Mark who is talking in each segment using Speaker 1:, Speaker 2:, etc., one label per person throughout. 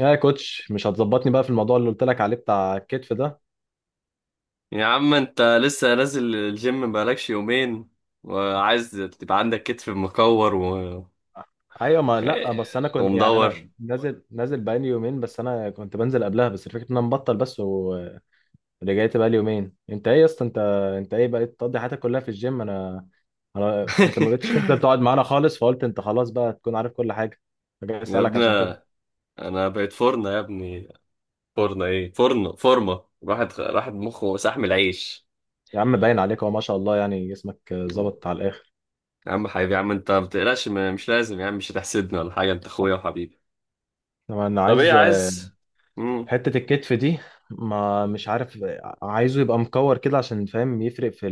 Speaker 1: يا كوتش، مش هتظبطني بقى في الموضوع اللي قلت لك عليه بتاع الكتف ده؟
Speaker 2: يا عم، انت لسه نازل الجيم بقالكش يومين وعايز تبقى عندك كتف مكور
Speaker 1: ايوه، ما لا، بس انا كنت،
Speaker 2: ومدور.
Speaker 1: انا نازل بقالي يومين، بس انا كنت بنزل قبلها. بس الفكره ان انا مبطل بس ورجعت بقالي يومين. انت ايه يا اسطى؟ انت ايه بقيت تقضي حياتك كلها في الجيم؟ انا انا انت ما بقتش تنزل تقعد معانا خالص، فقلت انت خلاص بقى تكون عارف كل حاجه، فجاي
Speaker 2: يا
Speaker 1: اسالك
Speaker 2: ابني،
Speaker 1: عشان كده.
Speaker 2: انا بقيت فرنة يا ابني. فرنة ايه؟ فرنة فورمة. راحت مخه سحم العيش.
Speaker 1: يا عم، باين عليك هو ما شاء الله يعني جسمك ظبط على الاخر.
Speaker 2: يا عم حبيبي، يا عم انت ما بتقلقش، مش لازم يا عم، مش هتحسدني ولا حاجة، انت اخويا وحبيبي.
Speaker 1: طبعا انا
Speaker 2: طب ايه
Speaker 1: عايز
Speaker 2: عايز؟ مم.
Speaker 1: حتة الكتف دي، ما مش عارف، عايزه يبقى مكور كده عشان فاهم يفرق في،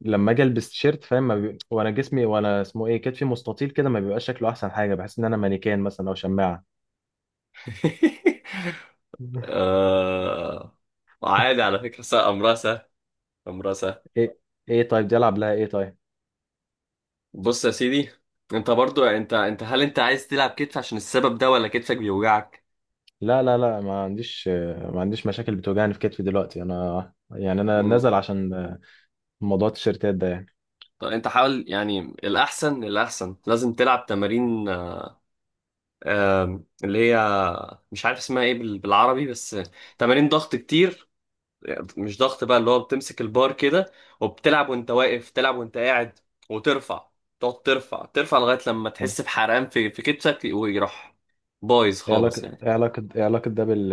Speaker 1: لما اجي البس تيشيرت، فاهم؟ ما بي... وانا جسمي وانا اسمه ايه، كتفي مستطيل كده، ما بيبقاش شكله احسن حاجه. بحس ان انا مانيكان مثلا او شماعه.
Speaker 2: آه... عادي على فكرة، امرها سهل، امرها سهل.
Speaker 1: ايه ايه طيب؟ دي العب لها ايه طيب؟
Speaker 2: بص يا سيدي، انت برضو، انت هل انت عايز تلعب كتف عشان السبب ده، ولا كتفك بيوجعك؟
Speaker 1: لا لا لا، ما عنديش. ما عنديش مشاكل بتوجعني في كتفي دلوقتي. انا يعني انا
Speaker 2: مم.
Speaker 1: نازل عشان موضوع التيشيرتات ده يعني.
Speaker 2: طب انت حاول، يعني الاحسن، الاحسن لازم تلعب تمارين، اللي هي مش عارف اسمها ايه بالعربي، بس تمارين ضغط كتير. مش ضغط بقى، اللي هو بتمسك البار كده وبتلعب وانت واقف، تلعب وانت قاعد وترفع. تقعد ترفع ترفع لغاية لما تحس بحرقان في كتفك ويروح بايظ خالص يعني.
Speaker 1: ايه علاقه ده بال...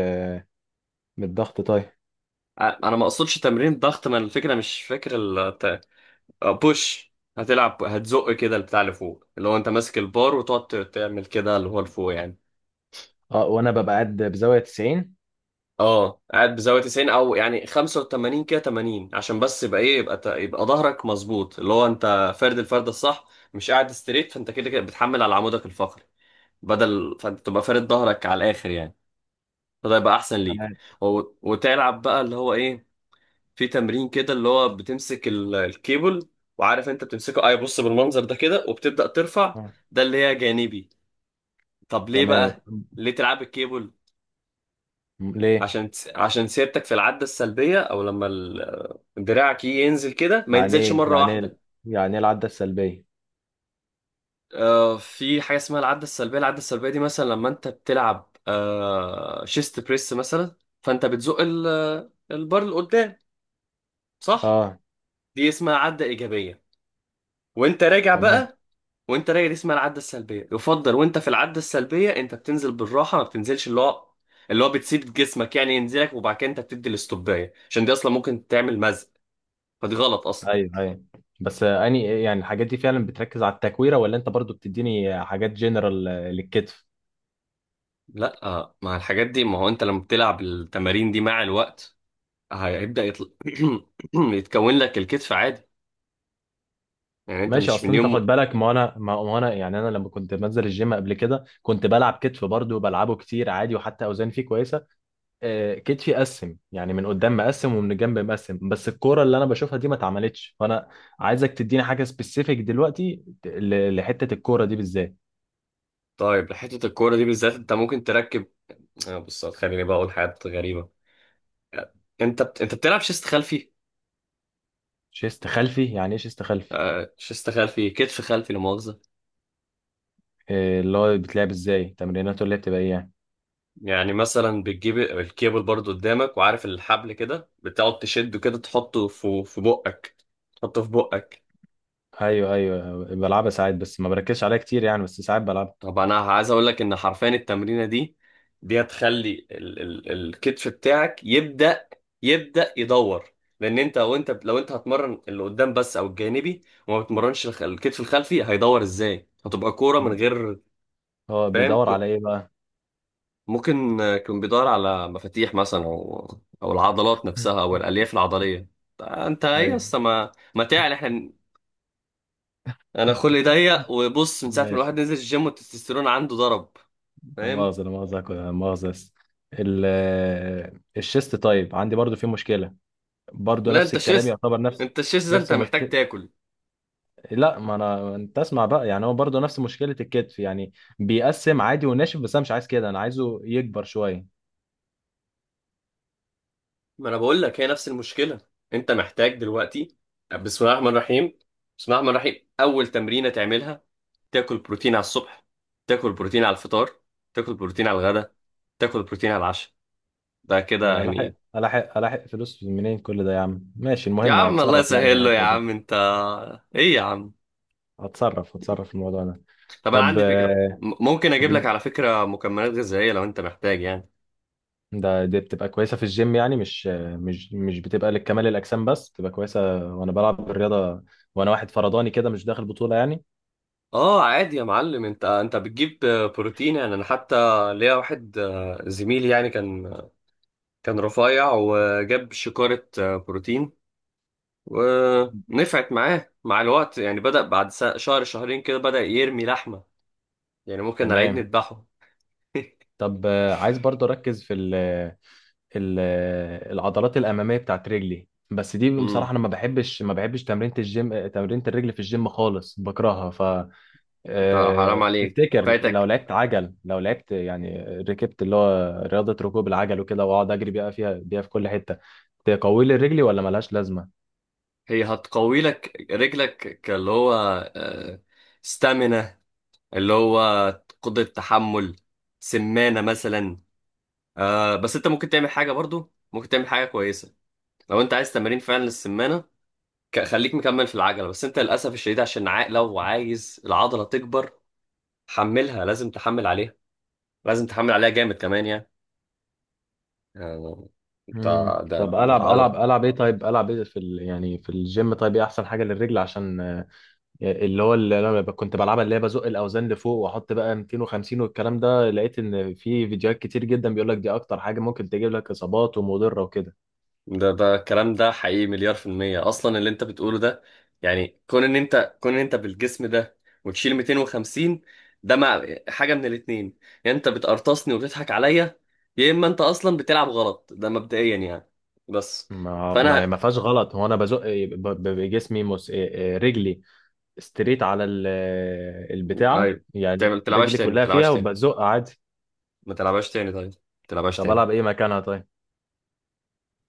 Speaker 1: بالضغط طيب؟
Speaker 2: انا ما اقصدش تمرين ضغط، ما الفكره مش فاكر. بوش. هتلعب، هتزق كده البتاع اللي فوق، اللي هو انت ماسك البار وتقعد تعمل كده اللي هو لفوق يعني.
Speaker 1: اه وانا ببقى قاعد بزاويه 90.
Speaker 2: اه، قاعد بزاويه 90، او يعني 85 كده، 80، عشان بس يبقى ايه، يبقى يبقى ظهرك مظبوط، اللي هو انت فرد، الفرد الصح، مش قاعد ستريت. فانت كده كده بتحمل على عمودك الفقري، بدل فانت تبقى فارد ظهرك على الاخر يعني، فده يبقى احسن ليك.
Speaker 1: تمام.
Speaker 2: و- وتلعب بقى اللي هو ايه، في تمرين كده اللي هو بتمسك الكيبل، وعارف انت بتمسكه اي، بص بالمنظر ده كده وبتبدأ ترفع.
Speaker 1: آه.
Speaker 2: ده اللي هي جانبي. طب ليه
Speaker 1: تمام،
Speaker 2: بقى، ليه تلعب الكيبل؟
Speaker 1: ليه؟
Speaker 2: عشان عشان سيرتك في العدة السلبية، او لما دراعك يجي ينزل كده ما
Speaker 1: يعني
Speaker 2: ينزلش
Speaker 1: ايه
Speaker 2: مرة
Speaker 1: يعني ايه
Speaker 2: واحدة.
Speaker 1: يعني ايه العده السلبيه؟
Speaker 2: في حاجة اسمها العدة السلبية. العدة السلبية دي مثلا لما انت بتلعب شيست بريس مثلا، فانت بتزق البار لقدام، صح؟
Speaker 1: اه.
Speaker 2: دي اسمها عدة إيجابية. وانت راجع
Speaker 1: تمام.
Speaker 2: بقى، وانت راجع، دي اسمها العده السلبيه. يفضل وانت في العده السلبيه انت بتنزل بالراحه، ما بتنزلش اللي هو، اللي هو بتسيب جسمك يعني ينزلك، وبعد كده انت بتدي الاستوبايه، عشان دي اصلا ممكن تعمل مزق، فدي غلط اصلا.
Speaker 1: ايوه ايوه، بس اني يعني الحاجات دي فعلا بتركز على التكويره ولا انت برضو بتديني حاجات جنرال للكتف؟
Speaker 2: لا، مع الحاجات دي. ما هو انت لما بتلعب التمارين دي مع الوقت هيبدا يطلع، يتكون لك الكتف عادي، يعني انت
Speaker 1: ماشي.
Speaker 2: مش من
Speaker 1: اصلا انت خد
Speaker 2: يوم.
Speaker 1: بالك، ما انا ما ما انا يعني انا لما كنت بنزل الجيم قبل كده كنت بلعب كتف برضو، بلعبه كتير عادي، وحتى اوزان فيه كويسه. كتفي قسم يعني، من قدام مقسم ومن الجنب مقسم، بس الكوره اللي انا بشوفها دي ما اتعملتش. فانا عايزك تديني حاجه سبيسيفيك دلوقتي لحته الكوره دي بالذات.
Speaker 2: طيب حته الكوره دي بالذات، انت ممكن تركب. بص، خليني بقى اقول حاجات غريبه. انت انت بتلعب شيست خلفي.
Speaker 1: شيست خلفي؟ يعني ايه شيست خلفي؟
Speaker 2: شيست خلفي، كتف خلفي، لا مؤاخذه.
Speaker 1: اللي هو بيتلعب ازاي؟ تمريناته اللي هي بتبقى ايه يعني؟
Speaker 2: يعني مثلا بتجيب الكيبل برضو قدامك، وعارف الحبل كده، بتقعد تشده كده، تحطه في بقك، تحطه في بقك.
Speaker 1: ايوه ايوه، بلعبها ساعات، بس ما بركزش عليها كتير يعني، بس ساعات بلعبها.
Speaker 2: طب انا عايز اقول لك ان حرفيا التمرينه دي، دي هتخلي ال ال الكتف بتاعك يبدا، يبدا يدور. لان انت هتمرن اللي قدام بس او الجانبي، وما بتمرنش الكتف الخلفي، هيدور ازاي؟ هتبقى كوره من غير،
Speaker 1: هو
Speaker 2: فاهم.
Speaker 1: بيدور على ايه بقى؟
Speaker 2: ممكن يكون بيدور على مفاتيح مثلا، او العضلات نفسها، او الالياف العضليه. انت ايه
Speaker 1: ايوه
Speaker 2: اصلا، ما تعال احنا. انا خلقي ضيق، وبص، من ساعه ما
Speaker 1: ماشي.
Speaker 2: الواحد نزل الجيم والتستوستيرون عنده ضرب، فاهم.
Speaker 1: لا مؤاخذة، بس ال- الشيست طيب عندي برضو في مشكلة، برضو
Speaker 2: لا،
Speaker 1: نفس
Speaker 2: انت
Speaker 1: الكلام
Speaker 2: شيست،
Speaker 1: يعتبر
Speaker 2: انت الشيست ده
Speaker 1: نفس
Speaker 2: انت محتاج
Speaker 1: المشكلة.
Speaker 2: تاكل.
Speaker 1: لا، ما انا، انت اسمع بقى يعني، هو برضو نفس مشكلة الكتف يعني، بيقسم عادي وناشف، بس انا مش عايز كده، انا عايزه يكبر شوية.
Speaker 2: ما انا بقول لك هي نفس المشكله، انت محتاج دلوقتي. بسم الله الرحمن الرحيم، بسم الله الرحمن الرحيم. اول تمرينه تعملها، تاكل بروتين على الصبح، تاكل بروتين على الفطار، تاكل بروتين على الغداء، تاكل بروتين على العشاء. ده كده
Speaker 1: انا
Speaker 2: يعني.
Speaker 1: الاحق فلوس منين كل ده يا عم؟ ماشي،
Speaker 2: يا
Speaker 1: المهم
Speaker 2: عم الله
Speaker 1: اتصرف يعني في
Speaker 2: يسهل له، يا
Speaker 1: الحتة دي.
Speaker 2: عم انت ايه يا عم؟
Speaker 1: هتصرف في الموضوع ده.
Speaker 2: طب انا
Speaker 1: طب
Speaker 2: عندي فكرة، ممكن اجيب لك
Speaker 1: بن...
Speaker 2: على فكرة مكملات غذائية لو انت محتاج يعني.
Speaker 1: دي بتبقى كويسة في الجيم يعني، مش مش بتبقى لكمال الأجسام بس، بتبقى كويسة، وأنا بلعب الرياضة، وأنا واحد فرداني كده، مش داخل بطولة يعني.
Speaker 2: اه عادي يا معلم، انت انت بتجيب بروتين يعني. انا حتى ليا واحد زميلي يعني، كان كان رفيع، وجاب شكارة بروتين، ونفعت معاه مع الوقت، يعني بدأ بعد شهر، شهرين كده بدأ يرمي لحمة، يعني ممكن على العيد
Speaker 1: تمام.
Speaker 2: نذبحه.
Speaker 1: طب عايز برضه أركز في ال... العضلات الأمامية بتاعت رجلي. بس دي بصراحة
Speaker 2: امم
Speaker 1: أنا ما بحبش تمرينة الجيم، تمرينة الرجل في الجيم خالص، بكرهها.
Speaker 2: انت حرام عليك
Speaker 1: تفتكر لو
Speaker 2: فايتك.
Speaker 1: لعبت عجل، لو لعبت يعني ركبت اللي هو رياضة ركوب العجل وكده، واقعد اجري بيها فيها بيها في كل حتة، تقوي لي رجلي ولا ملهاش لازمة؟
Speaker 2: هي هتقوي لك رجلك، كاللي هو ستامينا، اللي هو قدرة تحمل، سمانة مثلا. بس انت ممكن تعمل حاجة برضو، ممكن تعمل حاجة كويسة لو انت عايز تمارين فعلا للسمانة. خليك مكمل في العجلة، بس انت للأسف الشديد عشان لو عايز العضلة تكبر، حملها، لازم تحمل عليها، لازم تحمل عليها جامد كمان يعني. يعني انت،
Speaker 1: مم.
Speaker 2: ده
Speaker 1: طب
Speaker 2: العضلة.
Speaker 1: العب ايه طيب؟ العب ايه في يعني في الجيم؟ طيب ايه احسن حاجة للرجل عشان اللي هو اللي انا كنت بلعبها، اللي هي بزق الاوزان لفوق، واحط بقى 250 والكلام ده، لقيت ان في فيديوهات كتير جدا بيقول لك دي اكتر حاجة ممكن تجيب لك اصابات ومضرة وكده.
Speaker 2: ده ده الكلام ده حقيقي مليار في المية أصلا اللي أنت بتقوله ده. يعني كون إن أنت، كون إن أنت بالجسم ده وتشيل 250، ده مع حاجة من الاتنين: يا أنت بتقرطصني وبتضحك عليا، يا إما أنت أصلا بتلعب غلط. ده مبدئيا يعني. بس فأنا.
Speaker 1: ما فيهاش غلط، هو انا بزق بجسمي مس... آه، آه، رجلي استريت على البتاعة
Speaker 2: أيوة،
Speaker 1: يعني،
Speaker 2: تعمل تلعبهاش
Speaker 1: رجلي
Speaker 2: تاني، ما
Speaker 1: كلها
Speaker 2: تلعبهاش
Speaker 1: فيها،
Speaker 2: تاني،
Speaker 1: وبزق عادي.
Speaker 2: ما تلعبهاش تاني طيب، ما تلعبهاش
Speaker 1: طب
Speaker 2: تاني.
Speaker 1: ألعب إيه مكانها طيب؟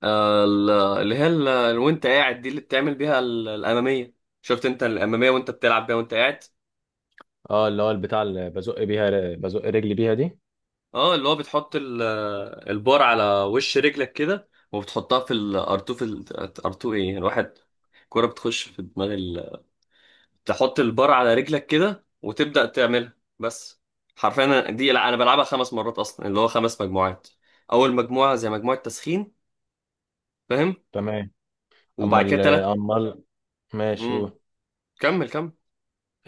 Speaker 2: اللي هي وأنت قاعد، دي اللي بتعمل بيها الأمامية. شفت؟ أنت الأمامية وأنت بتلعب بيها وأنت قاعد.
Speaker 1: اه، اللي هو البتاع اللي بزق بيها، بزق رجلي بيها دي.
Speaker 2: اه، اللي هو بتحط البار على وش رجلك كده، وبتحطها في الارتو، في الارتو ايه الواحد، كرة بتخش في دماغ ال... تحط البار على رجلك كده وتبدأ تعملها، بس. حرفيا دي، لا انا بلعبها خمس مرات اصلا، اللي هو خمس مجموعات. اول مجموعة زي مجموعة تسخين، فاهم؟
Speaker 1: تمام. أما
Speaker 2: وبعد كده
Speaker 1: ال
Speaker 2: تلات.
Speaker 1: أما ال- ماشي
Speaker 2: امم
Speaker 1: قول.
Speaker 2: كمل، كمل.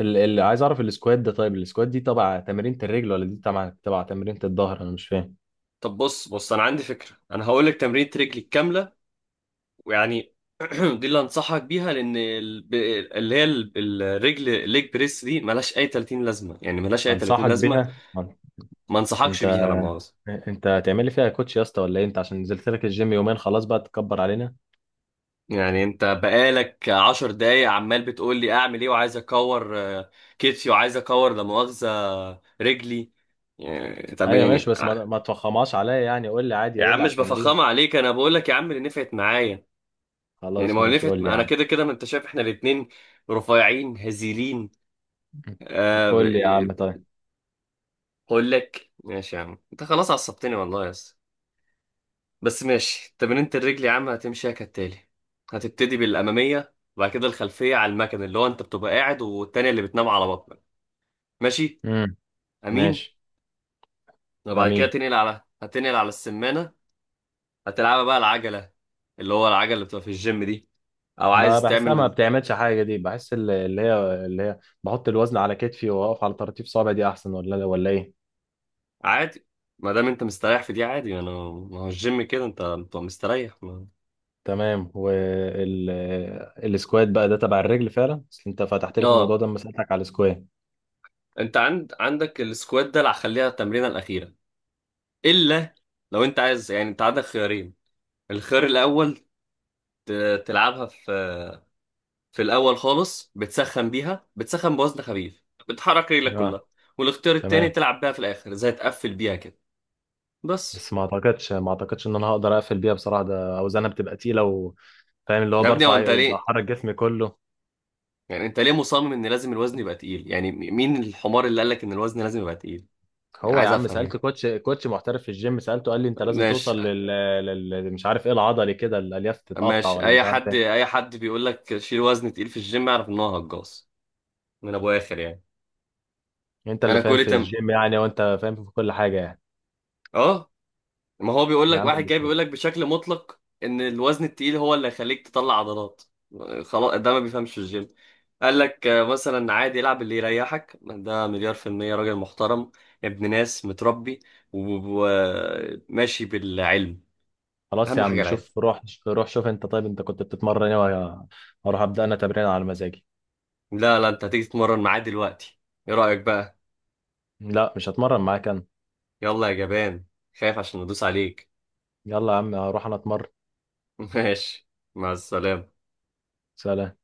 Speaker 1: اللي عايز أعرف السكوات ده طيب، السكوات دي تبع تمرينة الرجل ولا دي تبع تمرينة الظهر؟ أنا مش فاهم.
Speaker 2: طب بص، انا عندي فكرة، انا هقول لك تمرينة رجلي كاملة ويعني، دي اللي انصحك بيها، لان اللي هي الرجل الليج بريس دي ملهاش اي 30 لازمه يعني، ملهاش اي 30
Speaker 1: أنصحك
Speaker 2: لازمه،
Speaker 1: بيها؟
Speaker 2: ما انصحكش
Speaker 1: أنت
Speaker 2: بيها، لا مؤاخذه.
Speaker 1: أنت هتعمل لي فيها كوتش يا اسطى ولا إيه؟ أنت عشان نزلت لك الجيم يومين خلاص بقى تكبر علينا؟
Speaker 2: يعني انت بقالك 10 دقايق عمال بتقول لي اعمل ايه، وعايز اكور كتفي، وعايز اكور لا مؤاخذه رجلي. يعني طب
Speaker 1: أيوة ماشي،
Speaker 2: يعني
Speaker 1: بس ما ما تفخمهاش عليا يعني، قول لي عادي،
Speaker 2: يا
Speaker 1: قول
Speaker 2: عم،
Speaker 1: لي على
Speaker 2: مش
Speaker 1: التمرين.
Speaker 2: بفخمه عليك، انا بقول لك يا عم اللي نفعت معايا، يعني ما
Speaker 1: خلاص
Speaker 2: هو اللي
Speaker 1: ماشي،
Speaker 2: نفعت
Speaker 1: قول لي.
Speaker 2: انا، كده كده ما انت شايف احنا الاتنين رفيعين هزيلين. آه.
Speaker 1: قول لي يا عم طيب.
Speaker 2: اقول لك، ماشي يا عم، انت خلاص عصبتني والله يا اسطى، بس ماشي. تمرينة الرجل يا عم هتمشيها كالتالي: هتبتدي بالاماميه، وبعد كده الخلفيه على المكن، اللي هو انت بتبقى قاعد، والتانيه اللي بتنام على بطنك. ماشي.
Speaker 1: امم.
Speaker 2: امين.
Speaker 1: ماشي.
Speaker 2: وبعد كده
Speaker 1: امين.
Speaker 2: تنقل على، هتنقل على السمانه، هتلعبها بقى العجله، اللي هو العجله اللي بتبقى في الجيم دي، او
Speaker 1: ما
Speaker 2: عايز
Speaker 1: بحسها، ما
Speaker 2: تعمل
Speaker 1: بتعملش حاجه دي. بحس اللي هي بحط الوزن على كتفي واقف على طراطيف صوابعي، دي احسن ولا ايه؟
Speaker 2: عادي. ما دام انت مستريح في دي عادي، انا ما هو الجيم كده، انت بتبقى مستريح ما...
Speaker 1: تمام. السكوات بقى ده تبع الرجل فعلا، بس انت فتحت لي في الموضوع
Speaker 2: اه،
Speaker 1: ده لما سالتك على السكوات.
Speaker 2: انت عند، عندك السكوات ده، اللي هخليها التمرينه الاخيره، الا لو انت عايز يعني. انت عندك خيارين: الخيار الاول، تلعبها في في الاول خالص، بتسخن بيها، بتسخن بوزن خفيف، بتحرك رجلك كلها.
Speaker 1: اه.
Speaker 2: والاختيار التاني،
Speaker 1: تمام،
Speaker 2: تلعب بيها في الاخر زي تقفل بيها كده، بس.
Speaker 1: بس ما اعتقدش ان انا هقدر اقفل بيها بصراحه، ده اوزانها بتبقى تقيله و- فاهم، اللي هو
Speaker 2: يا ابني هو انت
Speaker 1: برفع
Speaker 2: ليه،
Speaker 1: بحرك جسمي كله.
Speaker 2: يعني انت ليه مصمم ان لازم الوزن يبقى تقيل يعني؟ مين الحمار اللي قال لك ان الوزن لازم يبقى تقيل؟ يعني
Speaker 1: هو يا
Speaker 2: عايز
Speaker 1: عم،
Speaker 2: افهم
Speaker 1: سألت
Speaker 2: ايه؟
Speaker 1: كوتش محترف في الجيم، سألته قال لي انت لازم
Speaker 2: ماشي.
Speaker 1: توصل لل, لل... مش عارف ايه العضلي كده، الالياف تتقطع
Speaker 2: ماشي،
Speaker 1: ولا
Speaker 2: اي
Speaker 1: مش عارف
Speaker 2: حد،
Speaker 1: ايه.
Speaker 2: اي حد بيقول لك شيل وزن تقيل في الجيم، اعرف ان هو هجاص من ابو اخر يعني.
Speaker 1: انت اللي
Speaker 2: انا
Speaker 1: فاهم
Speaker 2: كل
Speaker 1: في
Speaker 2: تم
Speaker 1: الجيم يعني، وانت فاهم في كل حاجة يعني.
Speaker 2: اه، ما هو بيقول
Speaker 1: يا
Speaker 2: لك،
Speaker 1: عم
Speaker 2: واحد جاي بيقول
Speaker 1: الاسود.
Speaker 2: لك بشكل مطلق ان الوزن التقيل هو اللي هيخليك تطلع عضلات، خلاص ده ما بيفهمش في الجيم. قال لك مثلا عادي العب اللي يريحك، ده مليار في المية راجل محترم، ابن ناس متربي وماشي بالعلم،
Speaker 1: خلاص يا
Speaker 2: اهم حاجة
Speaker 1: عم،
Speaker 2: العلم.
Speaker 1: شوف، روح. روح شوف انت، طيب انت كنت بتتمرن ايه، وأنا هروح ابدأ انا تمرين على مزاجي.
Speaker 2: لا لا، انت هتيجي تتمرن معاه دلوقتي، ايه رأيك بقى؟
Speaker 1: لا مش هتمرن معاك انا.
Speaker 2: يلا يا جبان، خايف عشان ندوس عليك.
Speaker 1: يلا يا عم، هروح انا اتمرن.
Speaker 2: ماشي، مع السلامة.
Speaker 1: سلام.